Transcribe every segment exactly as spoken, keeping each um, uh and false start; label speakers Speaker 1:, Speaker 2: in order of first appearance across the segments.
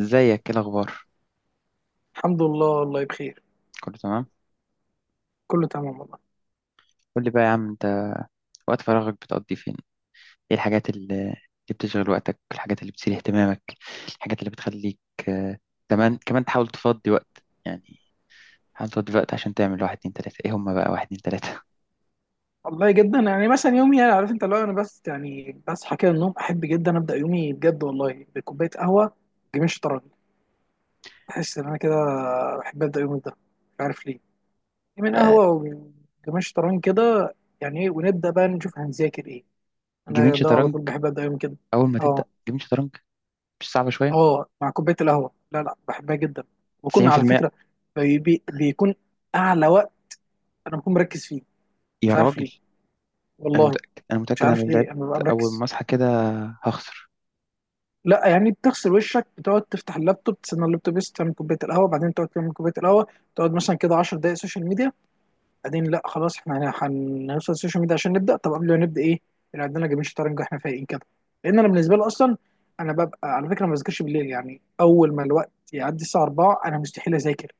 Speaker 1: ازيك؟ ايه الاخبار؟
Speaker 2: الحمد لله. والله بخير.
Speaker 1: كله تمام؟
Speaker 2: كله تمام والله.
Speaker 1: قول لي بقى يا عم انت، وقت فراغك بتقضي فين؟ ايه الحاجات اللي اللي بتشغل وقتك، الحاجات اللي بتثير اهتمامك، الحاجات اللي بتخليك آه، كمان كمان تحاول تفضي وقت يعني. حاول تفضي وقت عشان تعمل واحد اتنين تلاتة، ايه هما بقى واحد اتنين تلاتة؟
Speaker 2: والله جدا يعني مثلا يومي، يعني عارف انت، لو انا بس يعني بصحى كده من النوم، احب جدا ابدا يومي بجد والله بكوبايه قهوه، جميل، شطرنج. بحس ان انا كده بحب ابدا يومي ده، مش عارف ليه، من
Speaker 1: آه،
Speaker 2: قهوه ومن جميل، شطرنج كده يعني، ايه، ونبدا بقى نشوف هنذاكر ايه.
Speaker 1: جيمين
Speaker 2: انا ده على
Speaker 1: شطرنج،
Speaker 2: طول بحب ابدا يومي كده.
Speaker 1: اول ما
Speaker 2: اه.
Speaker 1: تبدأ جيمين شطرنج مش صعبة شوية؟
Speaker 2: اه مع كوبايه القهوه، لا لا، بحبها جدا. وكنا على
Speaker 1: تسعين في المية؟
Speaker 2: فكره بي بي بيكون اعلى وقت انا بكون مركز فيه،
Speaker 1: يا
Speaker 2: مش عارف
Speaker 1: راجل،
Speaker 2: ليه
Speaker 1: انا
Speaker 2: والله.
Speaker 1: متأكد انا
Speaker 2: مش
Speaker 1: متأكد، انا
Speaker 2: عارف
Speaker 1: لو
Speaker 2: ليه
Speaker 1: لعبت
Speaker 2: انا ببقى
Speaker 1: اول
Speaker 2: مركز.
Speaker 1: ما اصحى كده هخسر.
Speaker 2: لا يعني بتغسل وشك، بتقعد تفتح اللابتوب، تستنى اللابتوب بس تعمل كوبايه القهوه، بعدين تقعد تعمل كوبايه القهوه، تقعد مثلا كده عشر دقائق سوشيال ميديا، بعدين لا خلاص، احنا هن- هنوصل السوشيال ميديا عشان نبدا. طب قبل ما نبدا ايه اللي عندنا؟ جيمين شطرنج، احنا فايقين كده. لان انا بالنسبه لي اصلا انا ببقى، على فكره، ما بذاكرش بالليل. يعني اول ما الوقت يعدي الساعه الرابعة انا مستحيل اذاكر،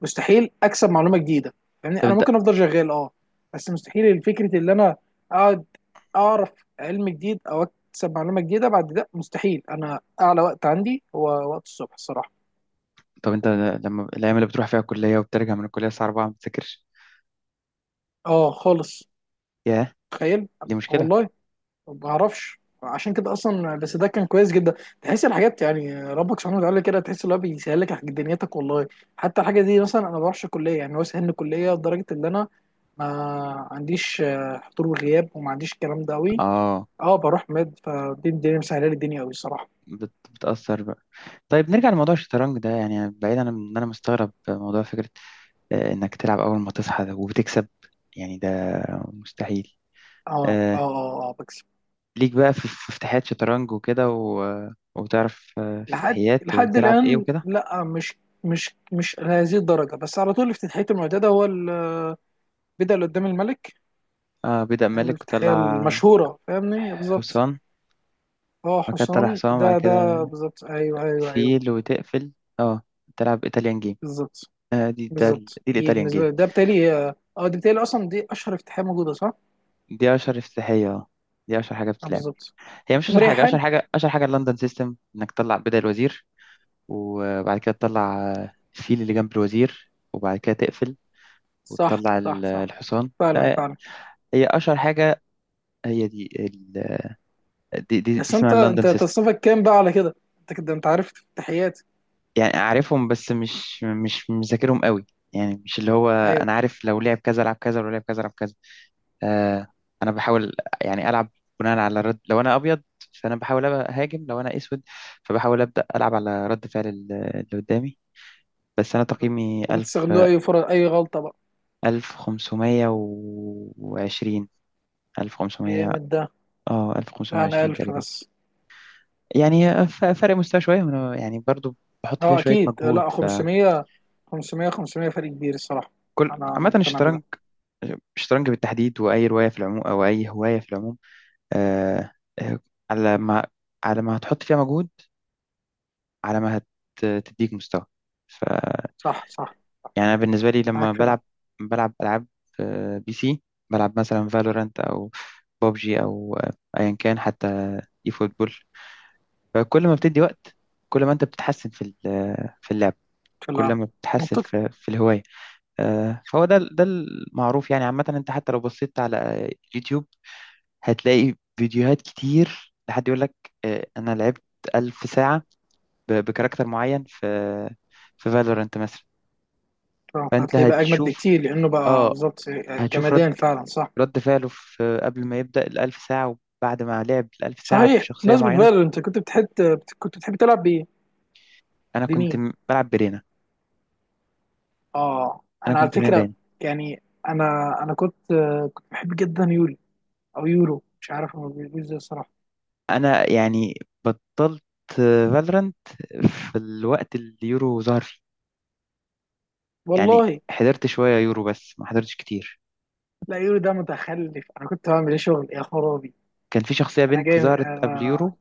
Speaker 2: مستحيل اكسب معلومه جديده. يعني
Speaker 1: طب
Speaker 2: انا
Speaker 1: انت،
Speaker 2: ممكن افضل شغال، اه، بس مستحيل فكره اللي انا اقعد اعرف علم جديد او اكسب معلومه جديده بعد ده. مستحيل. انا اعلى وقت عندي هو وقت الصبح الصراحه.
Speaker 1: طب انت لما الايام اللي بتروح فيها الكلية وبترجع من الكلية الساعة اربعة ما بتذاكرش؟
Speaker 2: اه خالص.
Speaker 1: ياه،
Speaker 2: تخيل.
Speaker 1: دي مشكلة.
Speaker 2: والله ما بعرفش عشان كده اصلا، بس ده كان كويس جدا. تحس الحاجات، يعني ربك سبحانه وتعالى كده تحس ان هو بيسهل لك دنيتك والله. حتى الحاجه دي مثلا، انا ما بروحش كليه، يعني هو سهل الكليه لدرجه ان انا ما عنديش آه، حضور وغياب، وما عنديش الكلام ده قوي.
Speaker 1: اه،
Speaker 2: اه. بروح مد، فدي الدنيا مسهله لي الدنيا قوي الصراحه.
Speaker 1: بت... بتأثر بقى. طيب نرجع لموضوع الشطرنج ده، يعني بعيدا عن ان انا مستغرب موضوع فكرة آه، انك تلعب اول ما تصحى ده وبتكسب، يعني ده مستحيل.
Speaker 2: اه اه
Speaker 1: آه،
Speaker 2: اه اه بكسب.
Speaker 1: ليك بقى في في افتتاحيات شطرنج وكده، و... وتعرف آه،
Speaker 2: لحد
Speaker 1: افتتاحيات
Speaker 2: لحد
Speaker 1: وتلعب ايه
Speaker 2: الان
Speaker 1: وكده؟
Speaker 2: لا، مش مش مش لهذه الدرجه، بس على طول افتتاحيه المعتاده هو البدا اللي قدام الملك،
Speaker 1: آه، بيبدأ
Speaker 2: نعمل
Speaker 1: ملك
Speaker 2: الافتتاحيه
Speaker 1: وطلع
Speaker 2: المشهوره، فاهمني؟ بالظبط.
Speaker 1: حصان،
Speaker 2: اه
Speaker 1: بعد كده طلع
Speaker 2: حصان،
Speaker 1: حصان،
Speaker 2: ده
Speaker 1: بعد
Speaker 2: ده
Speaker 1: كده
Speaker 2: بالظبط. ايوه ايوه ايوه.
Speaker 1: فيل وتقفل، اه تلعب ايطاليان جيم.
Speaker 2: بالظبط
Speaker 1: آه دي ده ال-
Speaker 2: بالظبط،
Speaker 1: دي
Speaker 2: دي
Speaker 1: الايطاليان
Speaker 2: بالنسبه
Speaker 1: جيم.
Speaker 2: لي ده بتالي، اه، آه، دي بتالي اصلا، دي اشهر افتتاحيه موجوده، صح؟
Speaker 1: دي اشهر افتتاحية، اه، دي اشهر حاجة
Speaker 2: اه
Speaker 1: بتتلعب.
Speaker 2: بالظبط.
Speaker 1: هي مش اشهر حاجه،
Speaker 2: ومريحان.
Speaker 1: اشهر حاجه اشهر حاجه اللندن سيستم، انك تطلع بداية الوزير وبعد كده تطلع الفيل اللي جنب الوزير وبعد كده تقفل
Speaker 2: صح
Speaker 1: وتطلع
Speaker 2: صح
Speaker 1: ال-
Speaker 2: صح.
Speaker 1: الحصان،
Speaker 2: فعلا
Speaker 1: لا
Speaker 2: فعلا.
Speaker 1: هي اشهر حاجه، هي دي ال... دي, دي, دي
Speaker 2: بس
Speaker 1: اسمها
Speaker 2: انت،
Speaker 1: اللندن
Speaker 2: انت
Speaker 1: سيستم.
Speaker 2: تصنيفك كام بقى على كده، انت كده انت عارف؟ تحياتي.
Speaker 1: يعني عارفهم بس مش مش مذاكرهم قوي، يعني مش اللي هو
Speaker 2: ايوه.
Speaker 1: انا عارف لو لعب كذا لعب كذا ولو لعب كذا لعب كذا. آه، انا بحاول يعني العب بناء على رد. لو انا ابيض فانا بحاول أبقى هاجم، لو انا اسود فبحاول ابدا العب على رد فعل ال- اللي قدامي. بس أنا
Speaker 2: بالظبط.
Speaker 1: تقييمي ألف،
Speaker 2: وبتستغلوا اي فرص، اي غلطه بقى.
Speaker 1: ألف خمسمية وعشرين، ألف خمسمية،
Speaker 2: جامد ده.
Speaker 1: اه ألف خمسمية
Speaker 2: لا انا
Speaker 1: وعشرين
Speaker 2: ألف
Speaker 1: تقريبا.
Speaker 2: بس.
Speaker 1: يعني ف- فرق مستوى شوية، وأنا يعني برضو بحط فيها
Speaker 2: اه
Speaker 1: شوية
Speaker 2: اكيد،
Speaker 1: مجهود
Speaker 2: لا
Speaker 1: فكل.
Speaker 2: خمسمية، خمسمية، خمسمية فرق كبير الصراحه. انا انا
Speaker 1: عامة
Speaker 2: مقتنع بده.
Speaker 1: الشطرنج، الشطرنج بالتحديد، وأي رواية في العموم أو أي هواية في العموم، آه آه، على ما على ما هتحط فيها مجهود، على ما هتديك مستوى.
Speaker 2: صح صح.
Speaker 1: يعني انا بالنسبه لي لما
Speaker 2: معاك في ده.
Speaker 1: بلعب بلعب العاب آه، بي سي، بلعب مثلا فالورانت او ببجي او آه، ايا كان، حتى اي فوتبول. فكل ما بتدي وقت، كل ما انت بتتحسن في ال- آه، في اللعب،
Speaker 2: في لا.
Speaker 1: كل ما بتتحسن
Speaker 2: منطقي.
Speaker 1: في في الهوايه. آه، فهو ده ده المعروف يعني، عامه انت حتى لو بصيت على آه، يوتيوب هتلاقي فيديوهات كتير لحد يقول لك آه، انا لعبت ألف ساعه ب- بكاركتر معين في في فالورانت مثلا، فانت
Speaker 2: هتلاقيه بقى اجمد
Speaker 1: هتشوف،
Speaker 2: بكتير لانه بقى
Speaker 1: اه
Speaker 2: بالظبط.
Speaker 1: هتشوف
Speaker 2: جمادان، فعلا، صح.
Speaker 1: رد فعله في قبل ما يبدأ الألف ساعة وبعد ما لعب الألف ساعة
Speaker 2: صحيح،
Speaker 1: بشخصية
Speaker 2: بمناسبة
Speaker 1: معينة.
Speaker 2: فالور انت، كنت بتحب كنت بتحب تلعب بايه؟
Speaker 1: أنا كنت
Speaker 2: بمين؟
Speaker 1: م- بلعب برينا،
Speaker 2: اه
Speaker 1: أنا
Speaker 2: انا على
Speaker 1: كنت من
Speaker 2: فكرة
Speaker 1: رينا.
Speaker 2: يعني، انا انا كنت كنت بحب جدا يوليو، او يورو، مش عارف هو بيقول ازاي الصراحه.
Speaker 1: أنا يعني بطلت فالورانت في الوقت اللي يورو ظهر فيه، يعني
Speaker 2: والله.
Speaker 1: حضرت شوية يورو بس ما حضرتش كتير.
Speaker 2: لا يورو ده متخلف، انا كنت بعمل ايه شغل يا خرابي.
Speaker 1: كان في شخصية
Speaker 2: انا
Speaker 1: بنت
Speaker 2: جامد
Speaker 1: ظهرت قبل
Speaker 2: انا
Speaker 1: يورو،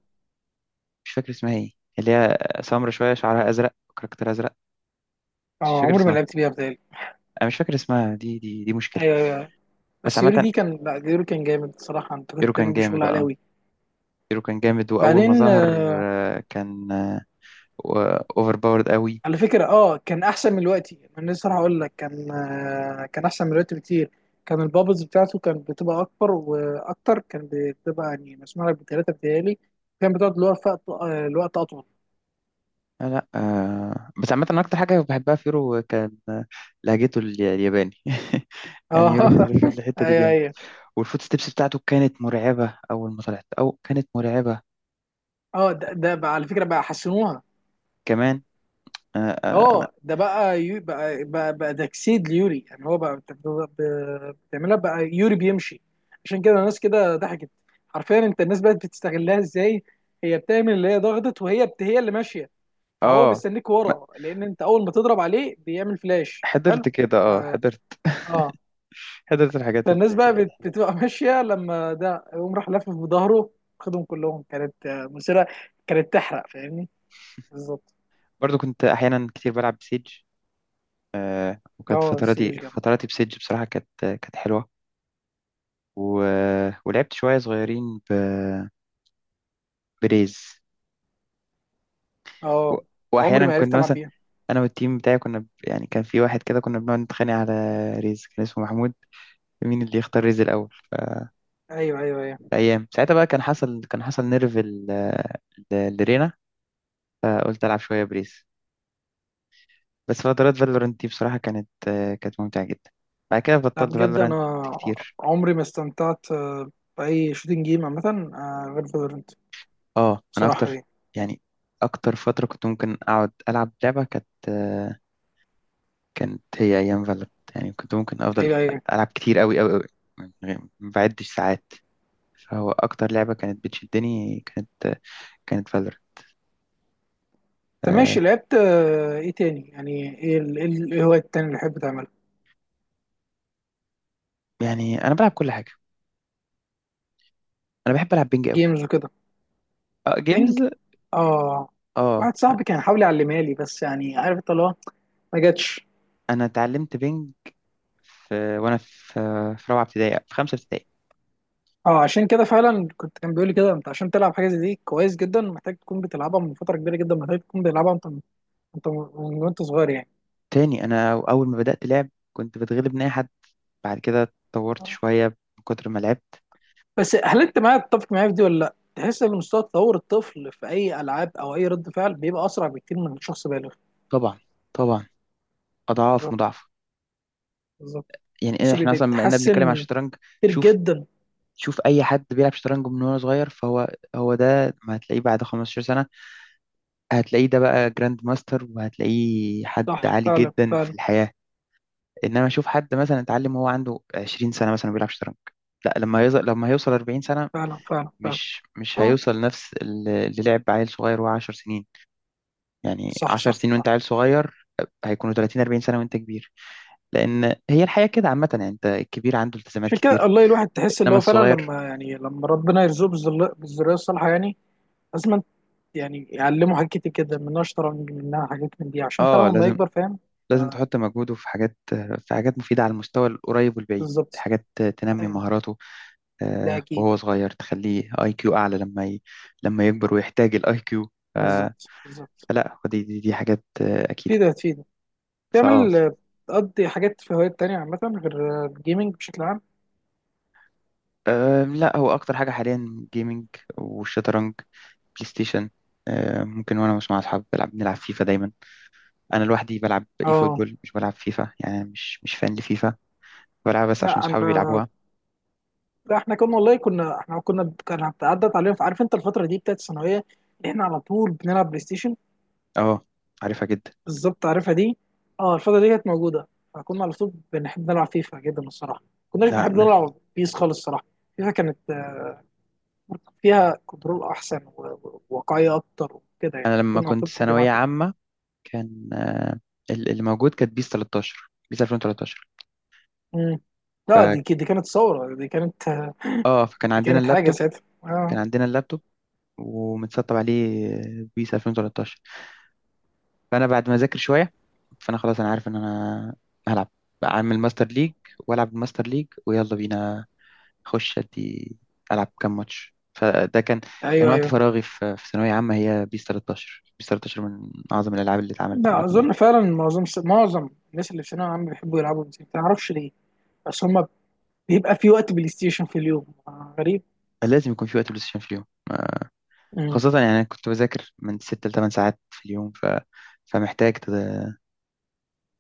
Speaker 1: مش فاكر اسمها ايه، اللي هي سمرا شوية، شعرها أزرق، كاركتر أزرق، مش
Speaker 2: أو
Speaker 1: فاكر
Speaker 2: عمري ما
Speaker 1: اسمها،
Speaker 2: لعبت بيها بتهيألي.
Speaker 1: أنا مش فاكر اسمها. دي دي دي مشكلة.
Speaker 2: ايوه ايوه أيوة.
Speaker 1: بس
Speaker 2: بس يورو
Speaker 1: عامة
Speaker 2: دي كان، لا يورو كان جامد الصراحه، انت كنت
Speaker 1: يورو كان
Speaker 2: بتعمل بيه شغل
Speaker 1: جامد،
Speaker 2: عالي
Speaker 1: اه،
Speaker 2: أوي.
Speaker 1: يورو كان جامد وأول ما
Speaker 2: بعدين
Speaker 1: ظهر
Speaker 2: آه،
Speaker 1: آه، كان واوفر باورد قوي.
Speaker 2: على فكره، اه كان احسن من الوقت، انا لسه راح اقول لك، كان، آه، كان احسن من الوقت بكتير. كان البابلز بتاعته كانت بتبقى اكبر واكتر، كان بتبقى يعني مسموع لك بثلاثه بتهيألي. كان بتقعد، الوقت الوقت اطول.
Speaker 1: لا لا، آه، بس عامة أنا أكتر حاجة بحبها في يورو كان آه، لهجته ال- الياباني.
Speaker 2: اه
Speaker 1: يعني يورو في في الحتة دي
Speaker 2: ايوه
Speaker 1: جامد،
Speaker 2: ايوه.
Speaker 1: والفوت ستيبس بتاعته كانت مرعبة أول ما طلعت، أو كانت مرعبة
Speaker 2: اه ده, ده بقى على فكره بقى حسنوها.
Speaker 1: كمان. آه، آه، أنا
Speaker 2: اه ده بقى يو بقى بقى, بقى تجسيد ليوري يعني، هو بقى بت- ب- بتعملها بقى، يوري بيمشي. عشان كده الناس كده ضحكت. حرفيا انت الناس بقت بتستغلها ازاي. هي بتعمل اللي هي ضغطت، وهي بت... هي اللي ماشيه. فهو
Speaker 1: آه
Speaker 2: مستنيك
Speaker 1: ما-
Speaker 2: ورا، لان انت اول ما تضرب عليه بيعمل فلاش حلو.
Speaker 1: حضرت كده، آه
Speaker 2: اه.
Speaker 1: حضرت
Speaker 2: آه.
Speaker 1: حضرت الحاجات اللي.
Speaker 2: فالناس بقى بت- بتبقى ماشيه لما ده يقوم راح لافف بظهره. خدهم كلهم. كانت آه، مسيره، كانت تحرق، فاهمني، بالظبط.
Speaker 1: برضو كنت أحيانا كتير بلعب بسيج، وكانت
Speaker 2: اه
Speaker 1: فتراتي
Speaker 2: سيج.
Speaker 1: فتراتي بسيج بصراحة كانت كانت حلوة. و... ولعبت شوية صغيرين ب... بريز، و...
Speaker 2: اه عمري
Speaker 1: وأحيانا
Speaker 2: ما عرفت
Speaker 1: كنا
Speaker 2: العب
Speaker 1: مثلا،
Speaker 2: بيها.
Speaker 1: انا والتيم بتاعي كنا ب- يعني كان في واحد كده كنا بنقعد نتخانق على ريز، كان اسمه محمود، مين اللي يختار ريز الاول.
Speaker 2: ايوه ايوه ايوه.
Speaker 1: فايام ساعتها بقى كان حصل كان حصل نيرف ال- ال- لرينا، فقلت العب شويه بريز. بس فترات فالورنت دي بصراحه كانت آه، كانت ممتعه جدا. بعد كده
Speaker 2: لا
Speaker 1: بطلت
Speaker 2: بجد
Speaker 1: فالورنت
Speaker 2: انا
Speaker 1: كتير.
Speaker 2: عمري ما استمتعت آه، باي شوتنج جيم عامه، آه، غير فالورنت
Speaker 1: اه انا
Speaker 2: بصراحه
Speaker 1: اكتر
Speaker 2: يعني.
Speaker 1: يعني، اكتر فتره كنت ممكن اقعد العب لعبه كانت آه، كانت هي ايام فالورنت. يعني كنت ممكن افضل
Speaker 2: ايوه ايوه.
Speaker 1: العب كتير قوي قوي قوي، ما بعدش ساعات. فهو أكتر لعبة كانت بتشدني كانت كانت فالور
Speaker 2: طب
Speaker 1: آه
Speaker 2: ماشي، لعبت آه، ايه تاني يعني، ايه ال- ايه ال- ايه هو التاني اللي بحب تعمله؟
Speaker 1: يعني أنا بلعب كل حاجة، أنا بحب ألعب بينج قوي،
Speaker 2: جيمز وكده.
Speaker 1: آه
Speaker 2: بينج.
Speaker 1: جيمز.
Speaker 2: اه،
Speaker 1: آه
Speaker 2: واحد صاحبي كان حاول يعلمها لي، بس يعني عارف انت اللي هو ما جاتش.
Speaker 1: أنا اتعلمت بينج في وأنا في في رابعة ابتدائي، في خمسة ابتدائي.
Speaker 2: اه عشان كده فعلا كنت، كان بيقول لي كده، انت عشان تلعب حاجه زي دي كويس جدا محتاج تكون بتلعبها من فتره كبيره جدا، محتاج تكون بتلعبها انت، انت من وانت صغير يعني.
Speaker 1: تاني، أنا أول ما بدأت لعب كنت بتغلب من أي حد، بعد كده اتطورت شوية من كتر ما لعبت.
Speaker 2: بس هل انت معايا، تتفق معايا في دي ولا لا؟ تحس ان مستوى تطور الطفل في اي العاب او اي رد فعل بيبقى اسرع بكتير من شخص بالغ.
Speaker 1: طبعا طبعا، أضعاف
Speaker 2: بالظبط
Speaker 1: مضاعفة.
Speaker 2: بالظبط.
Speaker 1: يعني إيه،
Speaker 2: بس بي-
Speaker 1: إحنا أصلا بما إننا بنتكلم عن
Speaker 2: بيتحسن
Speaker 1: الشطرنج،
Speaker 2: كتير
Speaker 1: شوف،
Speaker 2: جدا.
Speaker 1: شوف أي حد بيلعب شطرنج من وهو صغير فهو هو ده ما هتلاقيه بعد 15 سنة، هتلاقيه ده بقى جراند ماستر وهتلاقيه حد
Speaker 2: صح
Speaker 1: عالي
Speaker 2: فعلا
Speaker 1: جدا في
Speaker 2: فعلا
Speaker 1: الحياة. انما اشوف حد مثلا اتعلم وهو عنده 20 سنة مثلا بيلعب شطرنج، لا، لما يوصل لما هيوصل 40 سنة
Speaker 2: فعلا. فعلا فعلا.
Speaker 1: مش مش
Speaker 2: اه.
Speaker 1: هيوصل نفس ال- اللي لعب عيل صغير وهو 10 سنين. يعني
Speaker 2: صح
Speaker 1: 10
Speaker 2: صح.
Speaker 1: سنين وانت عيل صغير، هيكونوا ثلاثون اربعين سنة وانت كبير، لان هي الحياة كده عامة. يعني انت الكبير عنده التزامات
Speaker 2: عشان كده
Speaker 1: كتير،
Speaker 2: والله الواحد تحس اللي
Speaker 1: انما
Speaker 2: هو فعلا
Speaker 1: الصغير
Speaker 2: لما يعني، لما ربنا يرزقه بالذل- بالذريه الصالحه، يعني لازم يعني يعلمه حاجات كتير جدا، منها شطرنج، منها حاجات من دي، عشان فعلا
Speaker 1: اه
Speaker 2: لما
Speaker 1: لازم
Speaker 2: يكبر فاهم
Speaker 1: لازم
Speaker 2: ده،
Speaker 1: تحط مجهوده في حاجات في حاجات مفيدة على المستوى القريب والبعيد،
Speaker 2: بالظبط.
Speaker 1: حاجات تنمي
Speaker 2: ايوه.
Speaker 1: مهاراته.
Speaker 2: ده
Speaker 1: آه،
Speaker 2: اكيد.
Speaker 1: وهو صغير تخليه اي كيو اعلى لما ي... لما يكبر ويحتاج الاي كيو.
Speaker 2: بالظبط بالظبط.
Speaker 1: فلا دي دي, دي حاجات آه،
Speaker 2: في
Speaker 1: اكيده.
Speaker 2: ده، في ده.
Speaker 1: فاه
Speaker 2: بتعمل، بتقضي حاجات في هوايات تانية عامة غير الجيمنج بشكل عام؟
Speaker 1: آه، لا هو اكتر حاجه حاليا جيمنج والشطرنج، بلاي ستيشن. آه، ممكن وانا مش مع اصحابي بلعب، بنلعب فيفا دايما. انا لوحدي بلعب اي
Speaker 2: اه
Speaker 1: فوتبول، مش بلعب فيفا، يعني مش مش فان لفيفا، بلعبها بس عشان
Speaker 2: لا
Speaker 1: صحابي
Speaker 2: انا.
Speaker 1: بيلعبوها.
Speaker 2: لا احنا كنا والله، كنا احنا كنا، كان عدت علينا عارف انت الفترة دي بتاعت الثانوية، اللي احنا على طول بنلعب بلاي ستيشن.
Speaker 1: اه عارفها جدا.
Speaker 2: بالظبط، عارفها دي. اه الفترة دي كانت موجودة. فكنا على طول بنحب نلعب فيفا جدا الصراحة، كناش
Speaker 1: لا
Speaker 2: بنحب
Speaker 1: انا،
Speaker 2: نلعب بيس خالص الصراحة. فيفا كانت، آه، فيها كنترول احسن و- و- وواقعية اكتر وكده
Speaker 1: أنا
Speaker 2: يعني،
Speaker 1: لما
Speaker 2: كنا على
Speaker 1: كنت
Speaker 2: طول بنحب نلعب
Speaker 1: ثانويه
Speaker 2: فيفا.
Speaker 1: عامه كان آه، ال- اللي موجود كانت بيس تلتاشر، بيس الفين وتلتاشر،
Speaker 2: مم. لا دي دي كانت ثورة، دي كانت
Speaker 1: اه فكان
Speaker 2: دي
Speaker 1: عندنا
Speaker 2: كانت حاجة
Speaker 1: اللابتوب،
Speaker 2: ساعتها
Speaker 1: كان
Speaker 2: اه.
Speaker 1: عندنا اللابتوب ومتسطب عليه بيس الفين وتلتاشر. فانا بعد ما اذاكر شويه، فانا خلاص، انا عارف ان انا هلعب، اعمل ماستر ليج والعب الماستر ليج ويلا بينا اخش ادي العب كام ماتش. فده كان كان
Speaker 2: ايوه
Speaker 1: وقت
Speaker 2: ايوه.
Speaker 1: فراغي في في ثانويه عامه. هي بيس تلتاشر، بيس تلتاشر من اعظم الالعاب اللي اتعملت عامه
Speaker 2: لا
Speaker 1: يعني.
Speaker 2: اظن فعلا معظم معظم الناس اللي في ثانوية عامة بيحبوا يلعبوا بلاي ستيشن ما اعرفش ليه، بس هما بيبقى في وقت بلاي ستيشن في اليوم، آه، غريب.
Speaker 1: لازم يكون في وقت بلاي ستيشن في اليوم.
Speaker 2: امم.
Speaker 1: خاصه يعني انا كنت بذاكر من ستة ل ثمانية ساعات في اليوم، ف فمحتاج تد-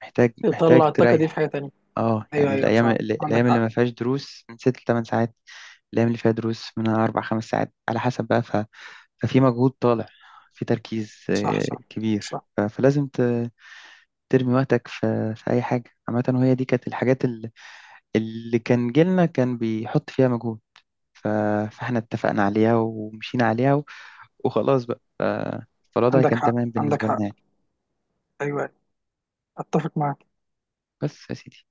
Speaker 1: محتاج محتاج
Speaker 2: تطلع الطاقة دي في
Speaker 1: تريح.
Speaker 2: حاجة تانية.
Speaker 1: اه
Speaker 2: ايوه
Speaker 1: يعني
Speaker 2: ايوه
Speaker 1: الايام
Speaker 2: صح
Speaker 1: اللي-
Speaker 2: عندك
Speaker 1: الايام اللي
Speaker 2: حق.
Speaker 1: ما فيهاش دروس من ست لثمان ساعات، الايام اللي فيها دروس من اربع خمس ساعات على حسب بقى، ف... ففي مجهود طالع، في تركيز
Speaker 2: صح
Speaker 1: آه،
Speaker 2: صح
Speaker 1: كبير،
Speaker 2: صح.
Speaker 1: ف... فلازم ت... ترمي وقتك في... في اي حاجه عامه. وهي دي كانت الحاجات اللي, اللي كان جيلنا كان بيحط فيها مجهود، ف... فاحنا اتفقنا عليها ومشينا عليها، و... وخلاص بقى، ف... فالوضع
Speaker 2: عندك
Speaker 1: كان
Speaker 2: حق
Speaker 1: تمام
Speaker 2: عندك
Speaker 1: بالنسبه لنا
Speaker 2: حق.
Speaker 1: يعني.
Speaker 2: ايوه أيوة. اتفق معاك.
Speaker 1: بس يا سيدي.